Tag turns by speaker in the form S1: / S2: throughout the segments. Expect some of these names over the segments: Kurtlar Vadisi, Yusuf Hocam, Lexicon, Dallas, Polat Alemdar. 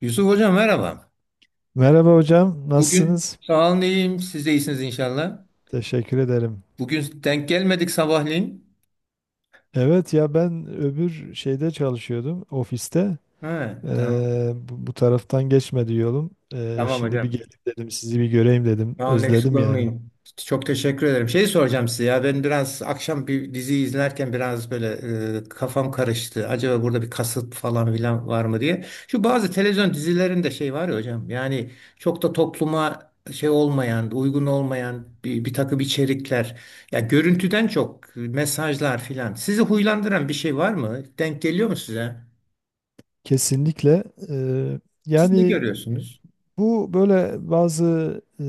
S1: Yusuf Hocam merhaba.
S2: Merhaba hocam,
S1: Bugün
S2: nasılsınız?
S1: sağ olun iyiyim. Siz de iyisiniz inşallah.
S2: Teşekkür ederim.
S1: Bugün denk gelmedik sabahleyin.
S2: Evet ya ben öbür şeyde çalışıyordum, ofiste.
S1: Ha, tamam.
S2: Bu taraftan geçmedi yolum.
S1: Tamam
S2: Şimdi bir
S1: hocam.
S2: gelip dedim, sizi bir göreyim dedim.
S1: Tamam
S2: Özledim yani.
S1: Lexicon. Çok teşekkür ederim. Şeyi soracağım size, ya ben biraz akşam bir dizi izlerken biraz böyle kafam karıştı. Acaba burada bir kasıt falan filan var mı diye. Şu bazı televizyon dizilerinde şey var ya hocam, yani çok da topluma şey olmayan, uygun olmayan bir takım içerikler. Ya görüntüden çok mesajlar filan. Sizi huylandıran bir şey var mı? Denk geliyor mu size?
S2: Kesinlikle. e,
S1: Siz ne
S2: Yani
S1: görüyorsunuz?
S2: bu böyle bazı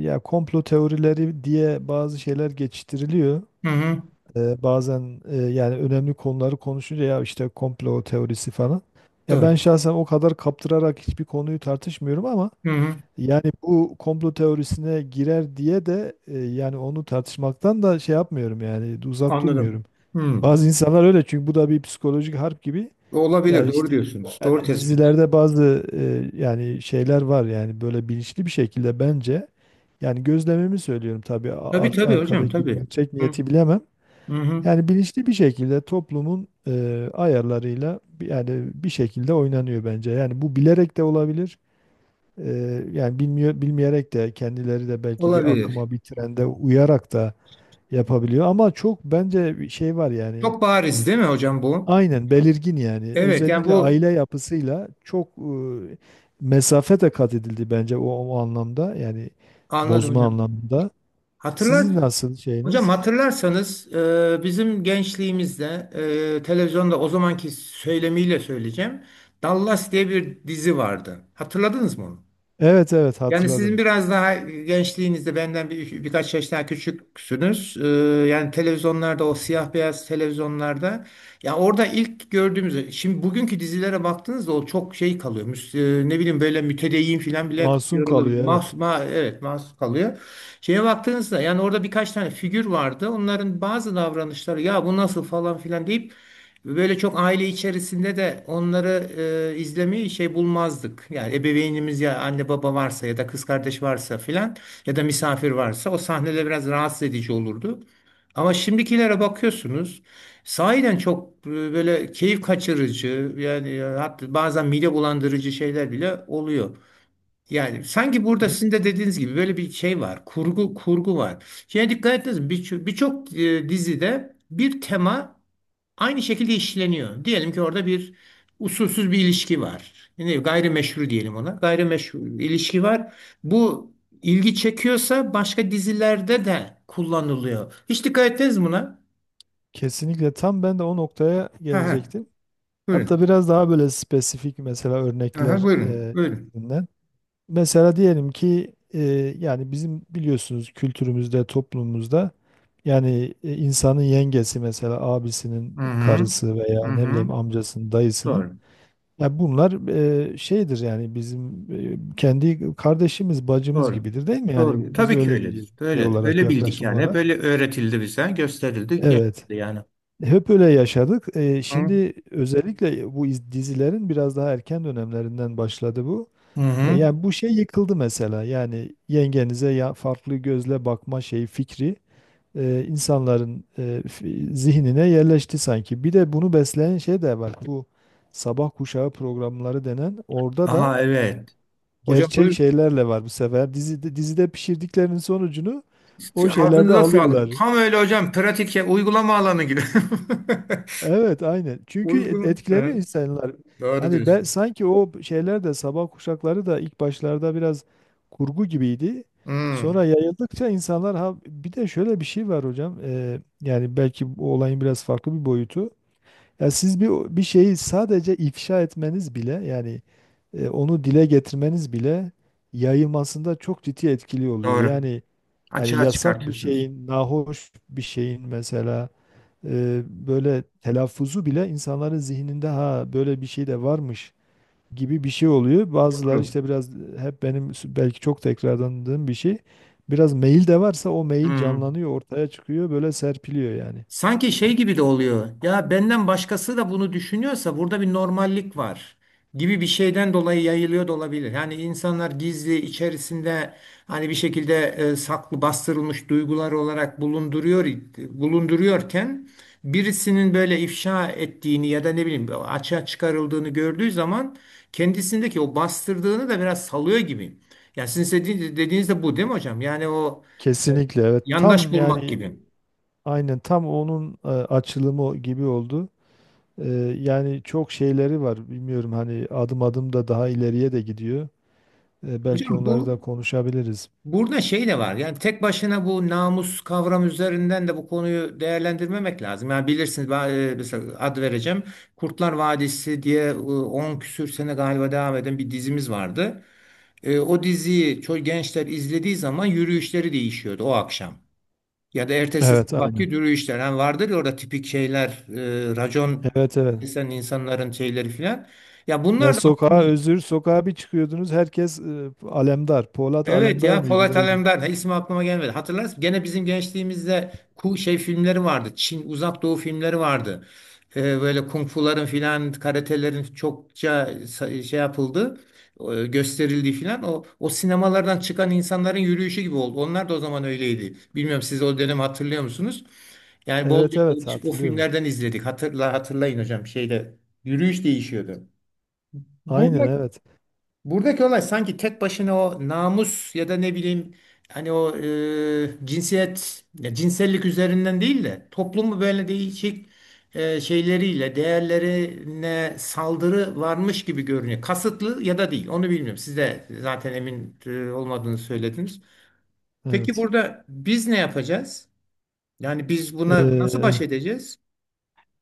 S2: ya komplo teorileri diye bazı şeyler geçiştiriliyor.
S1: Hı hı.
S2: Bazen yani önemli konuları konuşunca ya işte komplo teorisi falan. Ya ben
S1: Doğru.
S2: şahsen o kadar kaptırarak hiçbir konuyu tartışmıyorum ama
S1: Hı hı.
S2: yani bu komplo teorisine girer diye de yani onu tartışmaktan da şey yapmıyorum yani uzak
S1: Anladım.
S2: durmuyorum.
S1: Hı.
S2: Bazı insanlar öyle çünkü bu da bir psikolojik harp gibi.
S1: Olabilir,
S2: Yani
S1: doğru
S2: işte
S1: diyorsunuz. Doğru
S2: yani
S1: tespit.
S2: dizilerde bazı yani şeyler var yani böyle bilinçli bir şekilde bence yani gözlemimi söylüyorum tabii
S1: Tabii
S2: art
S1: tabii hocam,
S2: arkadaki
S1: tabii.
S2: gerçek
S1: Hı.
S2: niyeti bilemem.
S1: Hı hı.
S2: Yani bilinçli bir şekilde toplumun ayarlarıyla yani bir şekilde oynanıyor bence. Yani bu bilerek de olabilir. E, Yani bilmeyerek de kendileri de belki bir
S1: Olabilir.
S2: akıma, bir trende uyarak da yapabiliyor. Ama çok bence bir şey var yani.
S1: Çok bariz değil mi hocam bu?
S2: Aynen belirgin yani.
S1: Evet, yani
S2: Özellikle
S1: bu
S2: aile yapısıyla çok mesafe de kat edildi bence o anlamda. Yani
S1: anladım
S2: bozma
S1: hocam.
S2: anlamında. Sizin
S1: Hatırlarsın.
S2: nasıl
S1: Hocam
S2: şeyiniz?
S1: hatırlarsanız bizim gençliğimizde, televizyonda o zamanki söylemiyle söyleyeceğim. Dallas diye bir dizi vardı. Hatırladınız mı onu?
S2: Evet, evet,
S1: Yani sizin
S2: hatırladım.
S1: biraz daha gençliğinizde, benden birkaç yaş daha küçüksünüz. Yani televizyonlarda, o siyah beyaz televizyonlarda, ya orada ilk gördüğümüz, şimdi bugünkü dizilere baktığınızda o çok şey kalıyor. Ne bileyim, böyle mütedeyyin falan bile
S2: Masum
S1: kalıyor olabilir.
S2: kalıyor, evet.
S1: Evet, mahsus kalıyor. Şeye baktığınızda, yani orada birkaç tane figür vardı. Onların bazı davranışları, ya bu nasıl falan filan deyip böyle çok aile içerisinde de onları izlemeyi şey bulmazdık. Yani ebeveynimiz, ya anne baba varsa ya da kız kardeş varsa filan ya da misafir varsa, o sahneler biraz rahatsız edici olurdu. Ama şimdikilere bakıyorsunuz, sahiden çok böyle keyif kaçırıcı, yani hatta bazen mide bulandırıcı şeyler bile oluyor. Yani sanki burada sizin de dediğiniz gibi böyle bir şey var. Kurgu, kurgu var. Şeye dikkat ettiniz mi? Birçok dizide bir tema aynı şekilde işleniyor. Diyelim ki orada usulsüz bir ilişki var. Yani gayrimeşru diyelim ona. Gayrimeşru bir ilişki var. Bu ilgi çekiyorsa başka dizilerde de kullanılıyor. Hiç dikkat ettiniz mi buna?
S2: Kesinlikle, tam ben de o noktaya
S1: Ha ha.
S2: gelecektim. Hatta
S1: Buyurun.
S2: biraz daha böyle spesifik mesela
S1: Aha,
S2: örnekler
S1: buyurun. Buyurun.
S2: üzerinden. Mesela diyelim ki yani bizim biliyorsunuz kültürümüzde, toplumumuzda yani insanın yengesi mesela abisinin
S1: Hı hı.
S2: karısı veya
S1: Hı
S2: ne bileyim
S1: hı.
S2: amcasının, dayısının
S1: Doğru.
S2: ya bunlar şeydir yani bizim kendi kardeşimiz, bacımız
S1: Doğru.
S2: gibidir değil mi? Yani
S1: Doğru.
S2: biz
S1: Tabii ki
S2: öyle biliyoruz
S1: öyledir.
S2: şey
S1: Öyledir.
S2: olarak,
S1: Öyle bildik
S2: yaklaşım
S1: yani. Hep
S2: olarak.
S1: öyle öğretildi bize, gösterildi,
S2: Evet.
S1: yaşandı yani.
S2: Hep öyle yaşadık.
S1: Hı
S2: Şimdi özellikle bu dizilerin biraz daha erken dönemlerinden başladı bu.
S1: hı. Hı.
S2: Yani bu şey yıkıldı mesela. Yani yengenize ya farklı gözle bakma şeyi fikri insanların zihnine yerleşti sanki. Bir de bunu besleyen şey de var. Bu sabah kuşağı programları denen orada da
S1: Aha, evet. Hocam
S2: gerçek
S1: buyurun.
S2: şeylerle var bu sefer. Dizide, dizide pişirdiklerinin sonucunu o şeylerde
S1: Ağzınıza sağlık.
S2: alıyorlar.
S1: Tam öyle hocam. Pratik ya, uygulama alanı gibi.
S2: Evet, aynen. Çünkü
S1: Uygun.
S2: etkileniyor
S1: Evet,
S2: insanlar.
S1: doğru
S2: Hani ben
S1: diyorsun.
S2: sanki o şeyler de sabah kuşakları da ilk başlarda biraz kurgu gibiydi. Sonra
S1: Hmm,
S2: yayıldıkça insanlar ha bir de şöyle bir şey var hocam. Yani belki bu olayın biraz farklı bir boyutu. Ya siz bir şeyi sadece ifşa etmeniz bile yani onu dile getirmeniz bile yayılmasında çok ciddi etkili oluyor.
S1: doğru.
S2: Yani hani
S1: Açığa
S2: yasak bir
S1: çıkartıyorsunuz.
S2: şeyin, nahoş bir şeyin mesela böyle telaffuzu bile insanların zihninde ha böyle bir şey de varmış gibi bir şey oluyor. Bazıları
S1: Doğru.
S2: işte biraz hep benim belki çok tekrarlandığım bir şey. Biraz mail de varsa o mail
S1: Hmm.
S2: canlanıyor, ortaya çıkıyor, böyle serpiliyor yani.
S1: Sanki şey gibi de oluyor. Ya benden başkası da bunu düşünüyorsa burada bir normallik var gibi bir şeyden dolayı yayılıyor da olabilir. Yani insanlar gizli içerisinde hani bir şekilde saklı, bastırılmış duygular olarak bulunduruyor bulunduruyorken, birisinin böyle ifşa ettiğini ya da ne bileyim açığa çıkarıldığını gördüğü zaman kendisindeki o bastırdığını da biraz salıyor gibi. Ya sizin dediğiniz de bu değil mi hocam? Yani o e,
S2: Kesinlikle, evet.
S1: yandaş
S2: Tam
S1: bulmak
S2: yani
S1: gibi.
S2: aynen tam onun açılımı o gibi oldu. E, Yani çok şeyleri var. Bilmiyorum hani adım adım da daha ileriye de gidiyor. Belki
S1: Hocam
S2: onları
S1: bu,
S2: da konuşabiliriz.
S1: burada şey de var. Yani tek başına bu namus kavramı üzerinden de bu konuyu değerlendirmemek lazım. Yani bilirsiniz ben, mesela ad vereceğim, Kurtlar Vadisi diye 10 küsür sene galiba devam eden bir dizimiz vardı. E, o diziyi çok gençler izlediği zaman yürüyüşleri değişiyordu o akşam. Ya da ertesi
S2: Evet,
S1: sabahki
S2: aynen.
S1: yürüyüşler. Yani vardır ya, orada tipik şeyler, racon
S2: Evet, evet.
S1: kesen insanların şeyleri filan. Ya
S2: Ya
S1: bunlar da
S2: sokağa
S1: aslında
S2: özür, sokağa bir çıkıyordunuz herkes alemdar. Polat
S1: evet,
S2: alemdar
S1: ya
S2: mıydı
S1: Polat
S2: neydi?
S1: Alemdar. Ha, ismi aklıma gelmedi. Hatırlarsın, gene bizim gençliğimizde şey filmleri vardı. Çin, Uzak Doğu filmleri vardı. Böyle kung fuların filan, karatelerin çokça şey yapıldı, gösterildiği filan, o sinemalardan çıkan insanların yürüyüşü gibi oldu. Onlar da o zaman öyleydi. Bilmiyorum, siz o dönemi hatırlıyor musunuz? Yani
S2: Evet,
S1: bolca
S2: evet,
S1: o
S2: hatırlıyorum.
S1: filmlerden izledik. Hatırlayın hocam, şeyde yürüyüş değişiyordu.
S2: Aynen,
S1: Burada
S2: evet.
S1: Buradaki olay sanki tek başına o namus ya da ne bileyim, hani o cinsiyet ya cinsellik üzerinden değil de toplumu böyle değişik şeyleriyle, değerlerine saldırı varmış gibi görünüyor. Kasıtlı ya da değil, onu bilmiyorum. Siz de zaten emin olmadığını söylediniz. Peki
S2: Evet.
S1: burada biz ne yapacağız? Yani biz buna nasıl
S2: Ee,
S1: baş edeceğiz?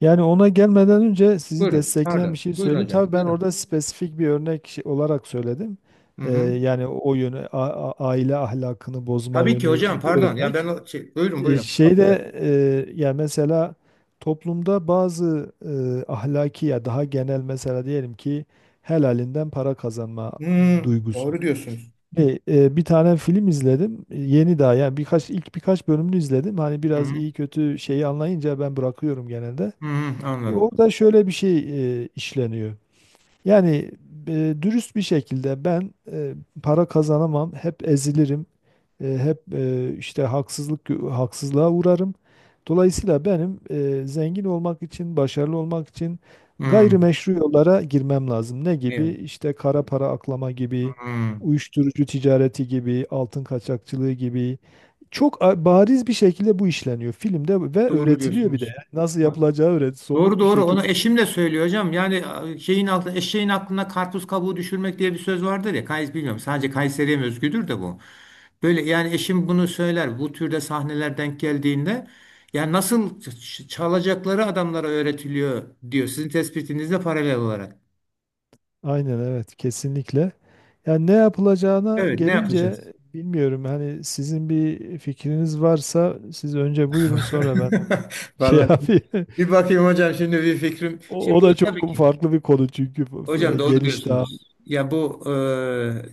S2: Yani ona gelmeden önce sizi
S1: Buyurun.
S2: destekleyen bir
S1: Pardon.
S2: şey
S1: Buyurun
S2: söyleyeyim.
S1: hocam.
S2: Tabii ben
S1: Buyurun.
S2: orada spesifik bir örnek olarak söyledim.
S1: Hı hı.
S2: Yani o yönü, aile ahlakını bozma
S1: Tabii ki
S2: yönü
S1: hocam,
S2: bir
S1: pardon. Ya ben
S2: örnek.
S1: o şey, buyurun buyurun.
S2: Şeyde yani mesela toplumda bazı ahlaki ya daha genel mesela diyelim ki helalinden para kazanma
S1: Hmm,
S2: duygusu.
S1: doğru diyorsunuz.
S2: Bir tane film izledim. Yeni daha yani birkaç ilk birkaç bölümünü izledim. Hani
S1: Hı
S2: biraz
S1: hı.
S2: iyi kötü şeyi anlayınca ben bırakıyorum genelde.
S1: Hı hı, anladım.
S2: Orada şöyle bir şey işleniyor. Yani dürüst bir şekilde ben para kazanamam, hep ezilirim, hep işte haksızlığa uğrarım. Dolayısıyla benim zengin olmak için, başarılı olmak için
S1: Hı.
S2: gayrimeşru yollara girmem lazım. Ne gibi?
S1: Evet.
S2: İşte kara para aklama gibi,
S1: Hı.
S2: uyuşturucu ticareti gibi, altın kaçakçılığı gibi. Çok bariz bir şekilde bu işleniyor filmde ve
S1: Doğru
S2: öğretiliyor bir de.
S1: diyorsunuz.
S2: Yani nasıl
S1: Ha,
S2: yapılacağı öğret,
S1: doğru
S2: somut bir
S1: doğru. Onu
S2: şekilde.
S1: eşim de söylüyor hocam. Yani a, şeyin altı, eşeğin aklına karpuz kabuğu düşürmek diye bir söz vardır ya. Kays bilmiyorum. Sadece Kayseri'ye mi özgüdür de bu. Böyle yani eşim bunu söyler. Bu türde sahneler denk geldiğinde, ya nasıl çalacakları adamlara öğretiliyor diyor. Sizin tespitinizle paralel olarak.
S2: Aynen, evet, kesinlikle. Yani ne yapılacağına
S1: Evet, ne
S2: gelince
S1: yapacağız?
S2: bilmiyorum. Hani sizin bir fikriniz varsa siz önce buyurun sonra ben şey
S1: Vallahi
S2: yapayım.
S1: bir bakayım hocam, şimdi bir fikrim.
S2: O,
S1: Şimdi
S2: o
S1: bu
S2: da
S1: tabii
S2: çok
S1: ki
S2: farklı bir konu çünkü
S1: hocam doğru
S2: geniş daha.
S1: diyorsunuz. Ya bu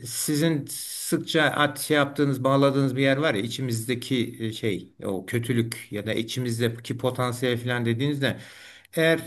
S1: sizin sıkça şey yaptığınız, bağladığınız bir yer var ya, içimizdeki o kötülük ya da içimizdeki potansiyel falan dediğinizde, eğer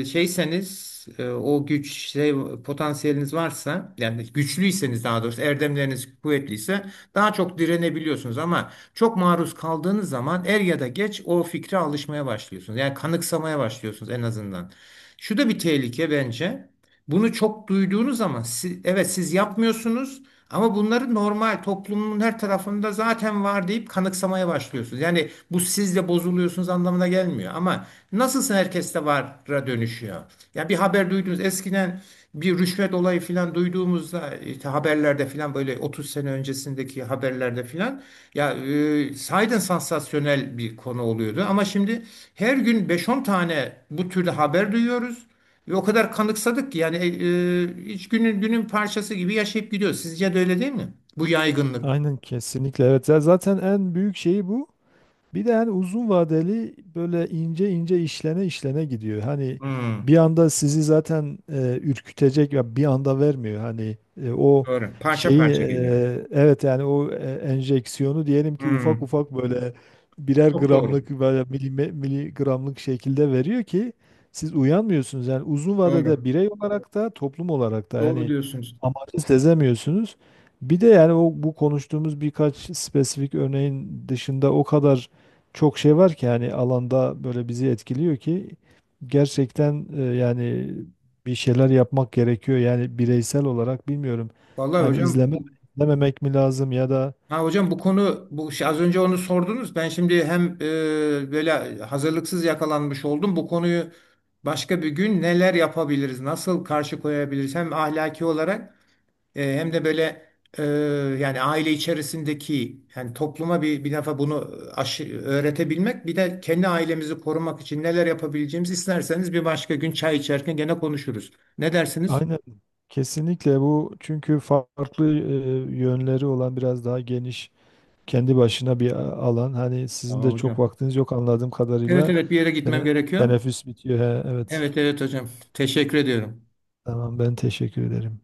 S1: şeyseniz, o güç, potansiyeliniz varsa, yani güçlüyseniz, daha doğrusu erdemleriniz kuvvetliyse daha çok direnebiliyorsunuz, ama çok maruz kaldığınız zaman er ya da geç o fikre alışmaya başlıyorsunuz. Yani kanıksamaya başlıyorsunuz en azından. Şu da bir tehlike bence. Bunu çok duyduğunuz zaman evet, siz yapmıyorsunuz, ama bunları normal toplumun her tarafında zaten var deyip kanıksamaya başlıyorsunuz. Yani bu, siz de bozuluyorsunuz anlamına gelmiyor, ama nasılsa herkeste vara dönüşüyor. Ya bir haber duydunuz eskiden, bir rüşvet olayı filan duyduğumuzda, işte haberlerde filan, böyle 30 sene öncesindeki haberlerde filan, ya sahiden sansasyonel bir konu oluyordu, ama şimdi her gün beş on tane bu türlü haber duyuyoruz. Ve o kadar kanıksadık ki, yani hiç günün parçası gibi yaşayıp gidiyor. Sizce de öyle değil mi? Bu yaygınlık.
S2: Aynen, kesinlikle, evet. Ya zaten en büyük şeyi bu. Bir de hani uzun vadeli böyle ince ince işlene işlene gidiyor. Hani bir
S1: Hmm,
S2: anda sizi zaten ürkütecek ya bir anda vermiyor. Hani o
S1: doğru. Parça
S2: şeyi
S1: parça geliyor.
S2: evet yani enjeksiyonu diyelim ki ufak
S1: Hmm,
S2: ufak böyle birer
S1: çok doğru.
S2: gramlık böyle miligramlık şekilde veriyor ki siz uyanmıyorsunuz. Yani uzun vadede
S1: Doğru.
S2: birey olarak da toplum olarak da
S1: Doğru
S2: yani
S1: diyorsunuz.
S2: amacı sezemiyorsunuz. Bir de yani o bu konuştuğumuz birkaç spesifik örneğin dışında o kadar çok şey var ki yani alanda böyle bizi etkiliyor ki gerçekten yani bir şeyler yapmak gerekiyor. Yani bireysel olarak bilmiyorum.
S1: Vallahi
S2: Yani
S1: hocam bu,
S2: izlememek mi lazım ya da
S1: ha hocam, bu konu, bu şey, az önce onu sordunuz. Ben şimdi hem böyle hazırlıksız yakalanmış oldum. Bu konuyu, başka bir gün neler yapabiliriz, nasıl karşı koyabiliriz, hem ahlaki olarak, hem de böyle, e, yani aile içerisindeki, yani topluma bir defa bunu öğretebilmek, bir de kendi ailemizi korumak için neler yapabileceğimizi, isterseniz bir başka gün çay içerken gene konuşuruz. Ne dersiniz?
S2: aynen kesinlikle bu çünkü farklı yönleri olan biraz daha geniş kendi başına alan. Hani sizin de
S1: Tamam
S2: çok
S1: hocam.
S2: vaktiniz yok anladığım
S1: Evet
S2: kadarıyla.
S1: evet, bir yere gitmem
S2: Tene-
S1: gerekiyor.
S2: Teneffüs bitiyor. He, evet.
S1: Evet evet hocam. Teşekkür ediyorum.
S2: Tamam, ben teşekkür ederim.